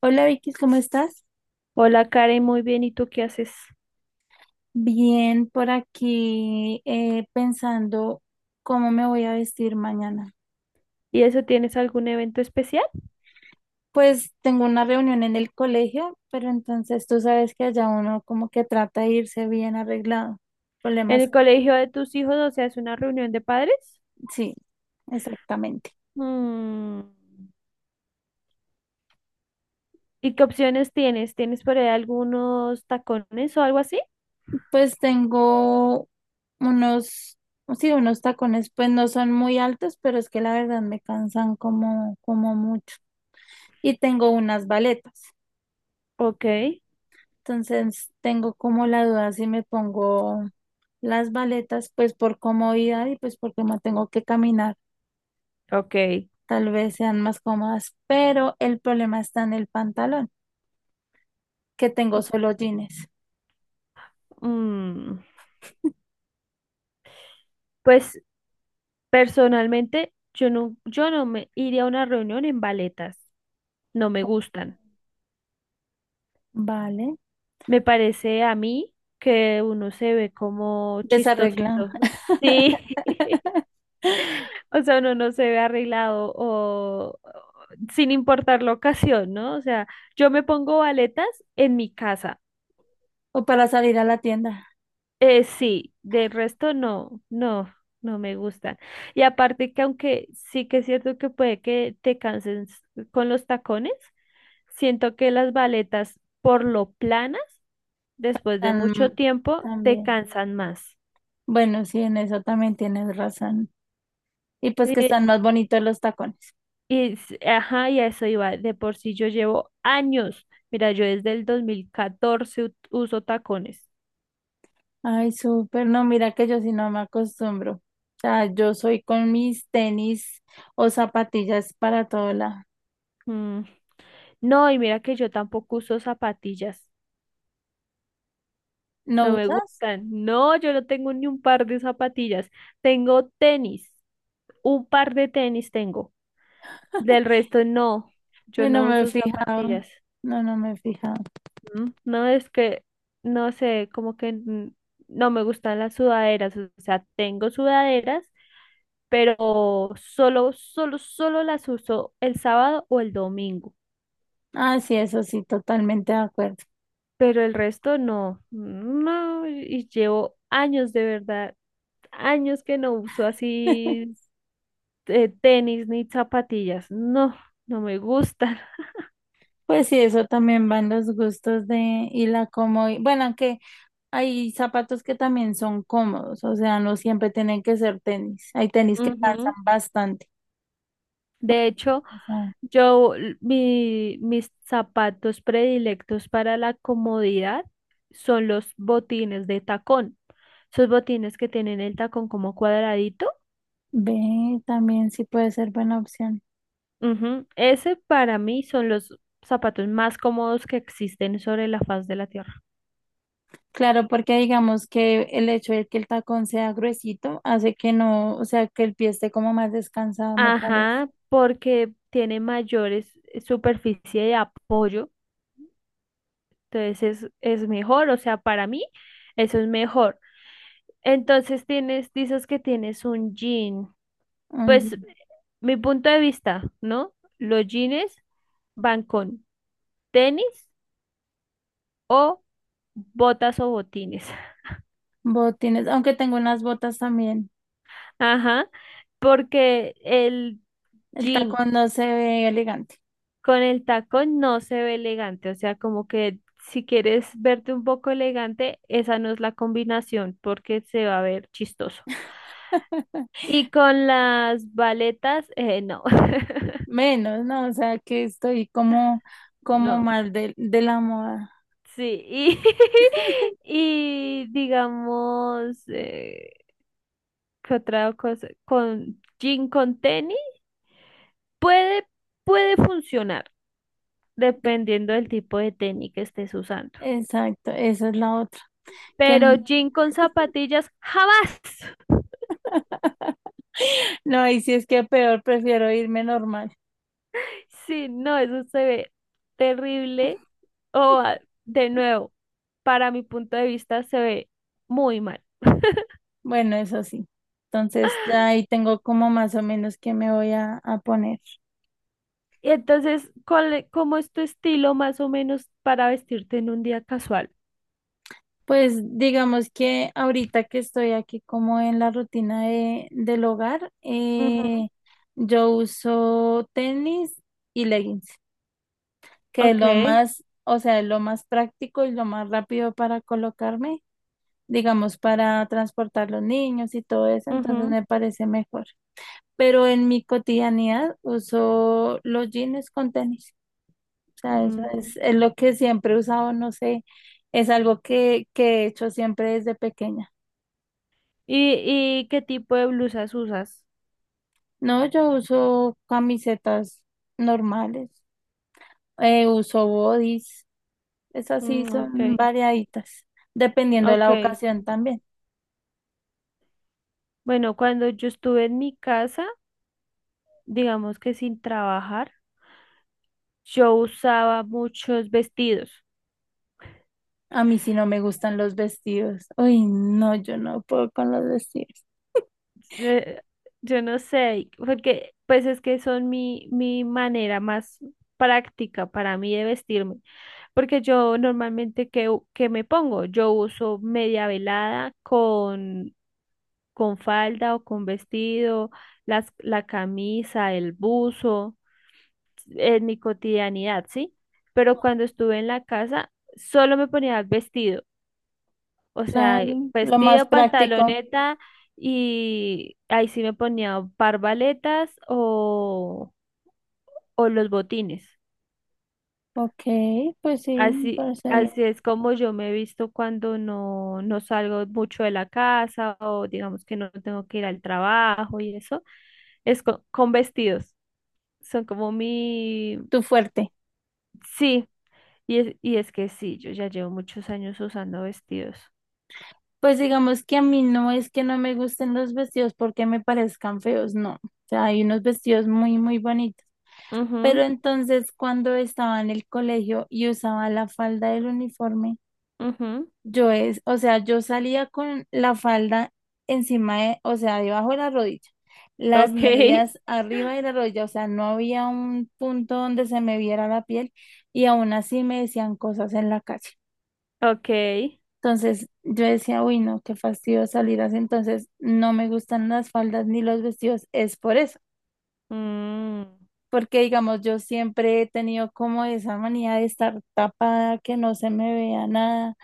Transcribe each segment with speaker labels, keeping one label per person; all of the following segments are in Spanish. Speaker 1: Hola Vicky, ¿cómo estás?
Speaker 2: Hola Karen, muy bien. ¿Y tú qué haces?
Speaker 1: Bien, por aquí pensando cómo me voy a vestir mañana.
Speaker 2: ¿Y eso tienes algún evento especial?
Speaker 1: Pues tengo una reunión en el colegio, pero entonces tú sabes que allá uno como que trata de irse bien arreglado.
Speaker 2: ¿En
Speaker 1: Problemas,
Speaker 2: el colegio de tus hijos, o sea, es una reunión de padres?
Speaker 1: sí, exactamente.
Speaker 2: Mm. ¿Y qué opciones tienes? ¿Tienes por ahí algunos tacones o algo así?
Speaker 1: Pues tengo unos, sí, unos tacones, pues no son muy altos, pero es que la verdad me cansan como mucho. Y tengo unas baletas.
Speaker 2: Ok,
Speaker 1: Entonces tengo como la duda si me pongo las baletas, pues por comodidad y pues porque no tengo que caminar,
Speaker 2: ok.
Speaker 1: tal vez sean más cómodas, pero el problema está en el pantalón, que tengo solo jeans.
Speaker 2: Mm, Pues personalmente yo no me iría a una reunión en baletas. No me gustan.
Speaker 1: Vale,
Speaker 2: Me parece a mí que uno se ve como
Speaker 1: desarreglado.
Speaker 2: chistosito. Sí. O sea, uno no se ve arreglado o- sin importar la ocasión, ¿no? O sea, yo me pongo baletas en mi casa.
Speaker 1: O para salir a la tienda,
Speaker 2: Sí, del resto no, no me gustan. Y aparte que aunque sí que es cierto que puede que te canses con los tacones, siento que las baletas por lo planas, después de mucho
Speaker 1: tan-
Speaker 2: tiempo, te
Speaker 1: también.
Speaker 2: cansan más.
Speaker 1: Bueno, sí, en eso también tienes razón. Y pues que
Speaker 2: Eh,
Speaker 1: están más bonitos los tacones.
Speaker 2: Ajá, y a eso iba. De por sí yo llevo años. Mira, yo desde el 2014 uso tacones.
Speaker 1: Ay, súper, no, mira que yo sí no me acostumbro. O sea, yo soy con mis tenis o zapatillas para todo lado.
Speaker 2: Mm. No, y mira que yo tampoco uso zapatillas.
Speaker 1: ¿No
Speaker 2: No me
Speaker 1: usas?
Speaker 2: gustan. No, yo no tengo ni un par de zapatillas. Tengo tenis. Un par de tenis tengo. Del resto no. Yo
Speaker 1: Ay, no
Speaker 2: no
Speaker 1: me he
Speaker 2: uso
Speaker 1: fijado.
Speaker 2: zapatillas.
Speaker 1: No, no me he fijado.
Speaker 2: No es que, no sé, como que no me gustan las sudaderas. O sea, tengo sudaderas pero solo las uso el sábado o el domingo,
Speaker 1: Ah, sí, eso sí, totalmente de acuerdo.
Speaker 2: pero el resto no, y llevo años de verdad, años que no uso así tenis ni zapatillas, no, no me gustan.
Speaker 1: Pues sí, eso también van los gustos de y la comodidad. Bueno, aunque hay zapatos que también son cómodos, o sea, no siempre tienen que ser tenis. Hay tenis que cansan
Speaker 2: Ujú.
Speaker 1: bastante.
Speaker 2: De hecho,
Speaker 1: O sea,
Speaker 2: mis zapatos predilectos para la comodidad son los botines de tacón. Esos botines que tienen el tacón como cuadradito.
Speaker 1: ve, también sí puede ser buena opción.
Speaker 2: Ujú. Ese para mí son los zapatos más cómodos que existen sobre la faz de la Tierra.
Speaker 1: Claro, porque digamos que el hecho de que el tacón sea gruesito hace que no, o sea, que el pie esté como más descansado, me parece.
Speaker 2: Ajá, porque tiene mayores superficie de apoyo, entonces es mejor, o sea, para mí eso es mejor. Entonces tienes, dices que tienes un jean,
Speaker 1: Oye,
Speaker 2: pues mi punto de vista, ¿no? Los jeans van con tenis o botas o botines.
Speaker 1: botines, aunque tengo unas botas también.
Speaker 2: Ajá, porque el
Speaker 1: El
Speaker 2: jean
Speaker 1: tacón no se ve elegante.
Speaker 2: con el tacón no se ve elegante, o sea, como que si quieres verte un poco elegante, esa no es la combinación porque se va a ver chistoso. Y con las baletas, no.
Speaker 1: Menos, ¿no? O sea, que estoy como, como
Speaker 2: No,
Speaker 1: mal de la moda.
Speaker 2: sí, y, y digamos, ¿qué otra cosa? Con jean con tenis, puede, puede funcionar dependiendo del tipo de tenis que estés usando,
Speaker 1: Exacto, esa es la otra. Que
Speaker 2: pero
Speaker 1: n-
Speaker 2: jean con zapatillas, jamás.
Speaker 1: no, ahí sí es que peor, prefiero irme normal.
Speaker 2: Sí, no, eso se ve terrible. O ah, de nuevo, para mi punto de vista se ve muy mal.
Speaker 1: Bueno, eso sí. Entonces, ya ahí tengo como más o menos que me voy a poner.
Speaker 2: Y entonces, ¿ cómo es tu estilo más o menos para vestirte en un día casual?
Speaker 1: Pues digamos que ahorita que estoy aquí como en la rutina de, del hogar,
Speaker 2: Ujú.
Speaker 1: yo uso tenis y leggings, que es
Speaker 2: Ok.
Speaker 1: lo más, o sea, es lo más práctico y lo más rápido para colocarme, digamos, para transportar los niños y todo eso, entonces
Speaker 2: Ujú.
Speaker 1: me parece mejor. Pero en mi cotidianidad uso los jeans con tenis, o sea, eso
Speaker 2: Mm.
Speaker 1: es lo que siempre he usado, no sé, es algo que he hecho siempre desde pequeña.
Speaker 2: Y qué tipo de blusas usas?
Speaker 1: No, yo uso camisetas normales, uso bodys, esas sí
Speaker 2: Mm,
Speaker 1: son
Speaker 2: ok,
Speaker 1: variaditas, dependiendo de la
Speaker 2: ok.
Speaker 1: ocasión también.
Speaker 2: Bueno, cuando yo estuve en mi casa, digamos que sin trabajar, yo usaba muchos vestidos.
Speaker 1: A mí sí no me gustan los vestidos. Uy, no, yo no puedo con los vestidos.
Speaker 2: Yo, yo no sé, porque pues es que son mi manera más práctica para mí de vestirme, porque yo normalmente que me pongo, yo uso media velada con falda o con vestido, la camisa, el buzo, en mi cotidianidad, ¿sí? Pero cuando estuve en la casa, solo me ponía vestidos, o sea,
Speaker 1: Claro, lo más
Speaker 2: vestido,
Speaker 1: práctico.
Speaker 2: pantaloneta y ahí sí me ponía o parbaletas o los botines.
Speaker 1: Ok, pues sí, me
Speaker 2: Así,
Speaker 1: parece bien.
Speaker 2: así es como yo me he visto cuando no salgo mucho de la casa o digamos que no tengo que ir al trabajo y eso. Con vestidos. Son como mi...
Speaker 1: Tu fuerte.
Speaker 2: Sí, y y es que sí, yo ya llevo muchos años usando vestidos.
Speaker 1: Pues digamos que a mí no es que no me gusten los vestidos porque me parezcan feos, no. O sea, hay unos vestidos muy, muy bonitos. Pero
Speaker 2: Ujú,
Speaker 1: entonces cuando estaba en el colegio y usaba la falda del uniforme,
Speaker 2: ujú.
Speaker 1: yo es, o sea, yo salía con la falda encima de, o sea, debajo de la rodilla, las
Speaker 2: Ok,
Speaker 1: medias arriba de la rodilla, o sea, no había un punto donde se me viera la piel y aún así me decían cosas en la calle.
Speaker 2: ok.
Speaker 1: Entonces yo decía, uy, no, qué fastidio salir así, entonces no me gustan las faldas ni los vestidos, es por eso.
Speaker 2: Mm.
Speaker 1: Porque, digamos, yo siempre he tenido como esa manía de estar tapada, que no se me vea nada,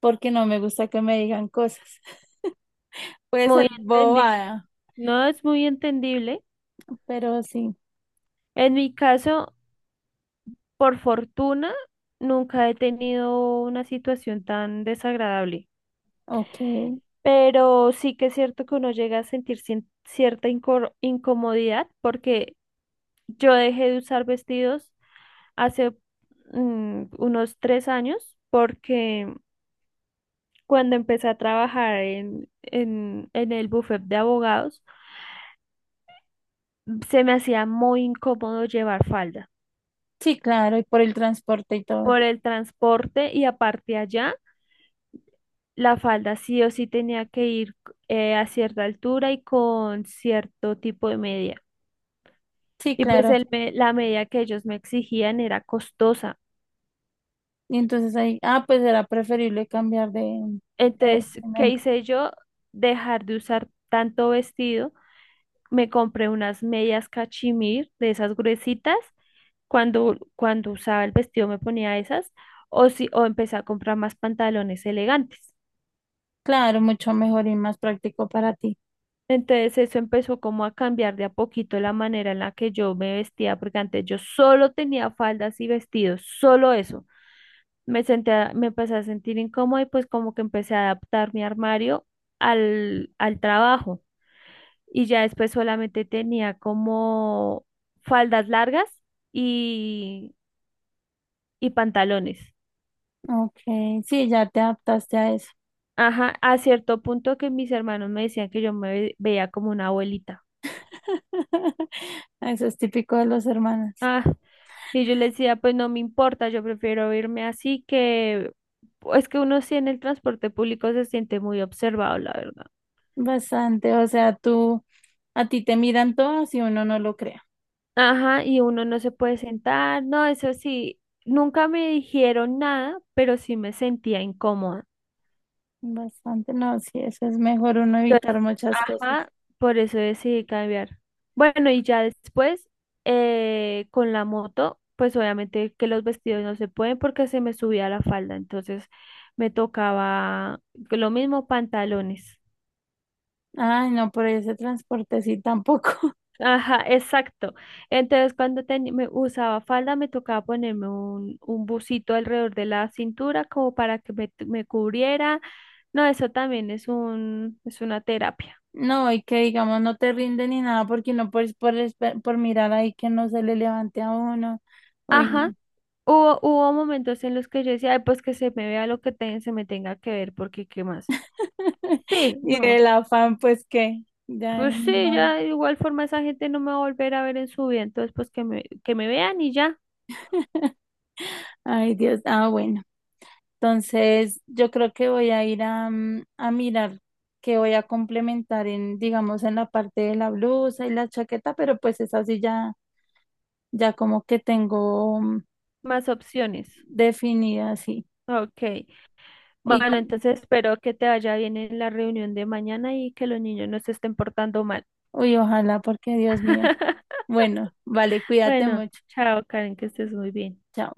Speaker 1: porque no me gusta que me digan cosas. Puede
Speaker 2: Muy
Speaker 1: ser
Speaker 2: entendible.
Speaker 1: bobada,
Speaker 2: No es muy entendible.
Speaker 1: pero sí,
Speaker 2: En mi caso, por fortuna, nunca he tenido una situación tan desagradable.
Speaker 1: ok.
Speaker 2: Pero sí que es cierto que uno llega a sentir cierta incomodidad porque yo dejé de usar vestidos hace unos 3 años porque cuando empecé a trabajar en el bufet de abogados, se me hacía muy incómodo llevar falda.
Speaker 1: Sí, claro, y por el transporte y todo.
Speaker 2: Por el transporte y aparte allá, la falda sí o sí tenía que ir a cierta altura y con cierto tipo de media.
Speaker 1: Sí,
Speaker 2: Y pues
Speaker 1: claro.
Speaker 2: el la media que ellos me exigían era costosa.
Speaker 1: Y entonces ahí, ah, pues era preferible cambiar de
Speaker 2: Entonces, ¿qué
Speaker 1: vestimenta.
Speaker 2: hice yo? Dejar de usar tanto vestido. Me compré unas medias cachemir de esas gruesitas. Cuando usaba el vestido me ponía esas. O, si, o empecé a comprar más pantalones elegantes.
Speaker 1: Claro, mucho mejor y más práctico para ti.
Speaker 2: Entonces eso empezó como a cambiar de a poquito la manera en la que yo me vestía, porque antes yo solo tenía faldas y vestidos, solo eso. Me empecé a sentir incómoda y pues como que empecé a adaptar mi armario al trabajo. Y ya después solamente tenía como faldas largas y, y pantalones.
Speaker 1: Ok, sí, ya te adaptaste a eso.
Speaker 2: Ajá, a cierto punto que mis hermanos me decían que yo veía como una abuelita.
Speaker 1: Eso es típico de los hermanos.
Speaker 2: Ah, y yo le decía, pues no me importa, yo prefiero irme así, que es que uno sí en el transporte público se siente muy observado, la verdad.
Speaker 1: Bastante, o sea, tú, a ti te miran todos y uno no lo crea.
Speaker 2: Ajá, y uno no se puede sentar, no, eso sí, nunca me dijeron nada, pero sí me sentía incómoda.
Speaker 1: Bastante, no, sí, eso es mejor uno
Speaker 2: Entonces,
Speaker 1: evitar muchas cosas.
Speaker 2: ajá, por eso decidí cambiar. Bueno, y ya después, con la moto, pues obviamente que los vestidos no se pueden porque se me subía la falda, entonces me tocaba lo mismo, pantalones.
Speaker 1: Ay, no, por ese transporte sí tampoco.
Speaker 2: Ajá, exacto. Entonces, cuando me usaba falda, me tocaba ponerme un busito alrededor de la cintura como para que me cubriera. No, eso también es es una terapia.
Speaker 1: No, y que digamos no te rinde ni nada porque no por mirar ahí que no se le levante a uno. Uy,
Speaker 2: Ajá.
Speaker 1: no.
Speaker 2: Hubo momentos en los que yo decía: "Ay, pues que se me vea lo que se me tenga que ver, porque qué más". Sí,
Speaker 1: Y
Speaker 2: no,
Speaker 1: el afán, pues que, ya, ay,
Speaker 2: pues
Speaker 1: ni
Speaker 2: sí,
Speaker 1: modo.
Speaker 2: ya de igual forma esa gente no me va a volver a ver en su vida, entonces pues que que me vean y ya,
Speaker 1: Ay, Dios, ah, bueno. Entonces, yo creo que voy a ir a, a mirar qué voy a complementar en, digamos, en la parte de la blusa y la chaqueta, pero pues es así ya, ya como que tengo
Speaker 2: más opciones.
Speaker 1: definida así.
Speaker 2: Ok,
Speaker 1: Y,
Speaker 2: bueno, entonces espero que te vaya bien en la reunión de mañana y que los niños no se estén portando mal.
Speaker 1: uy, ojalá, porque Dios mío. Bueno, vale, cuídate
Speaker 2: Bueno,
Speaker 1: mucho.
Speaker 2: chao Karen, que estés muy bien.
Speaker 1: Chao.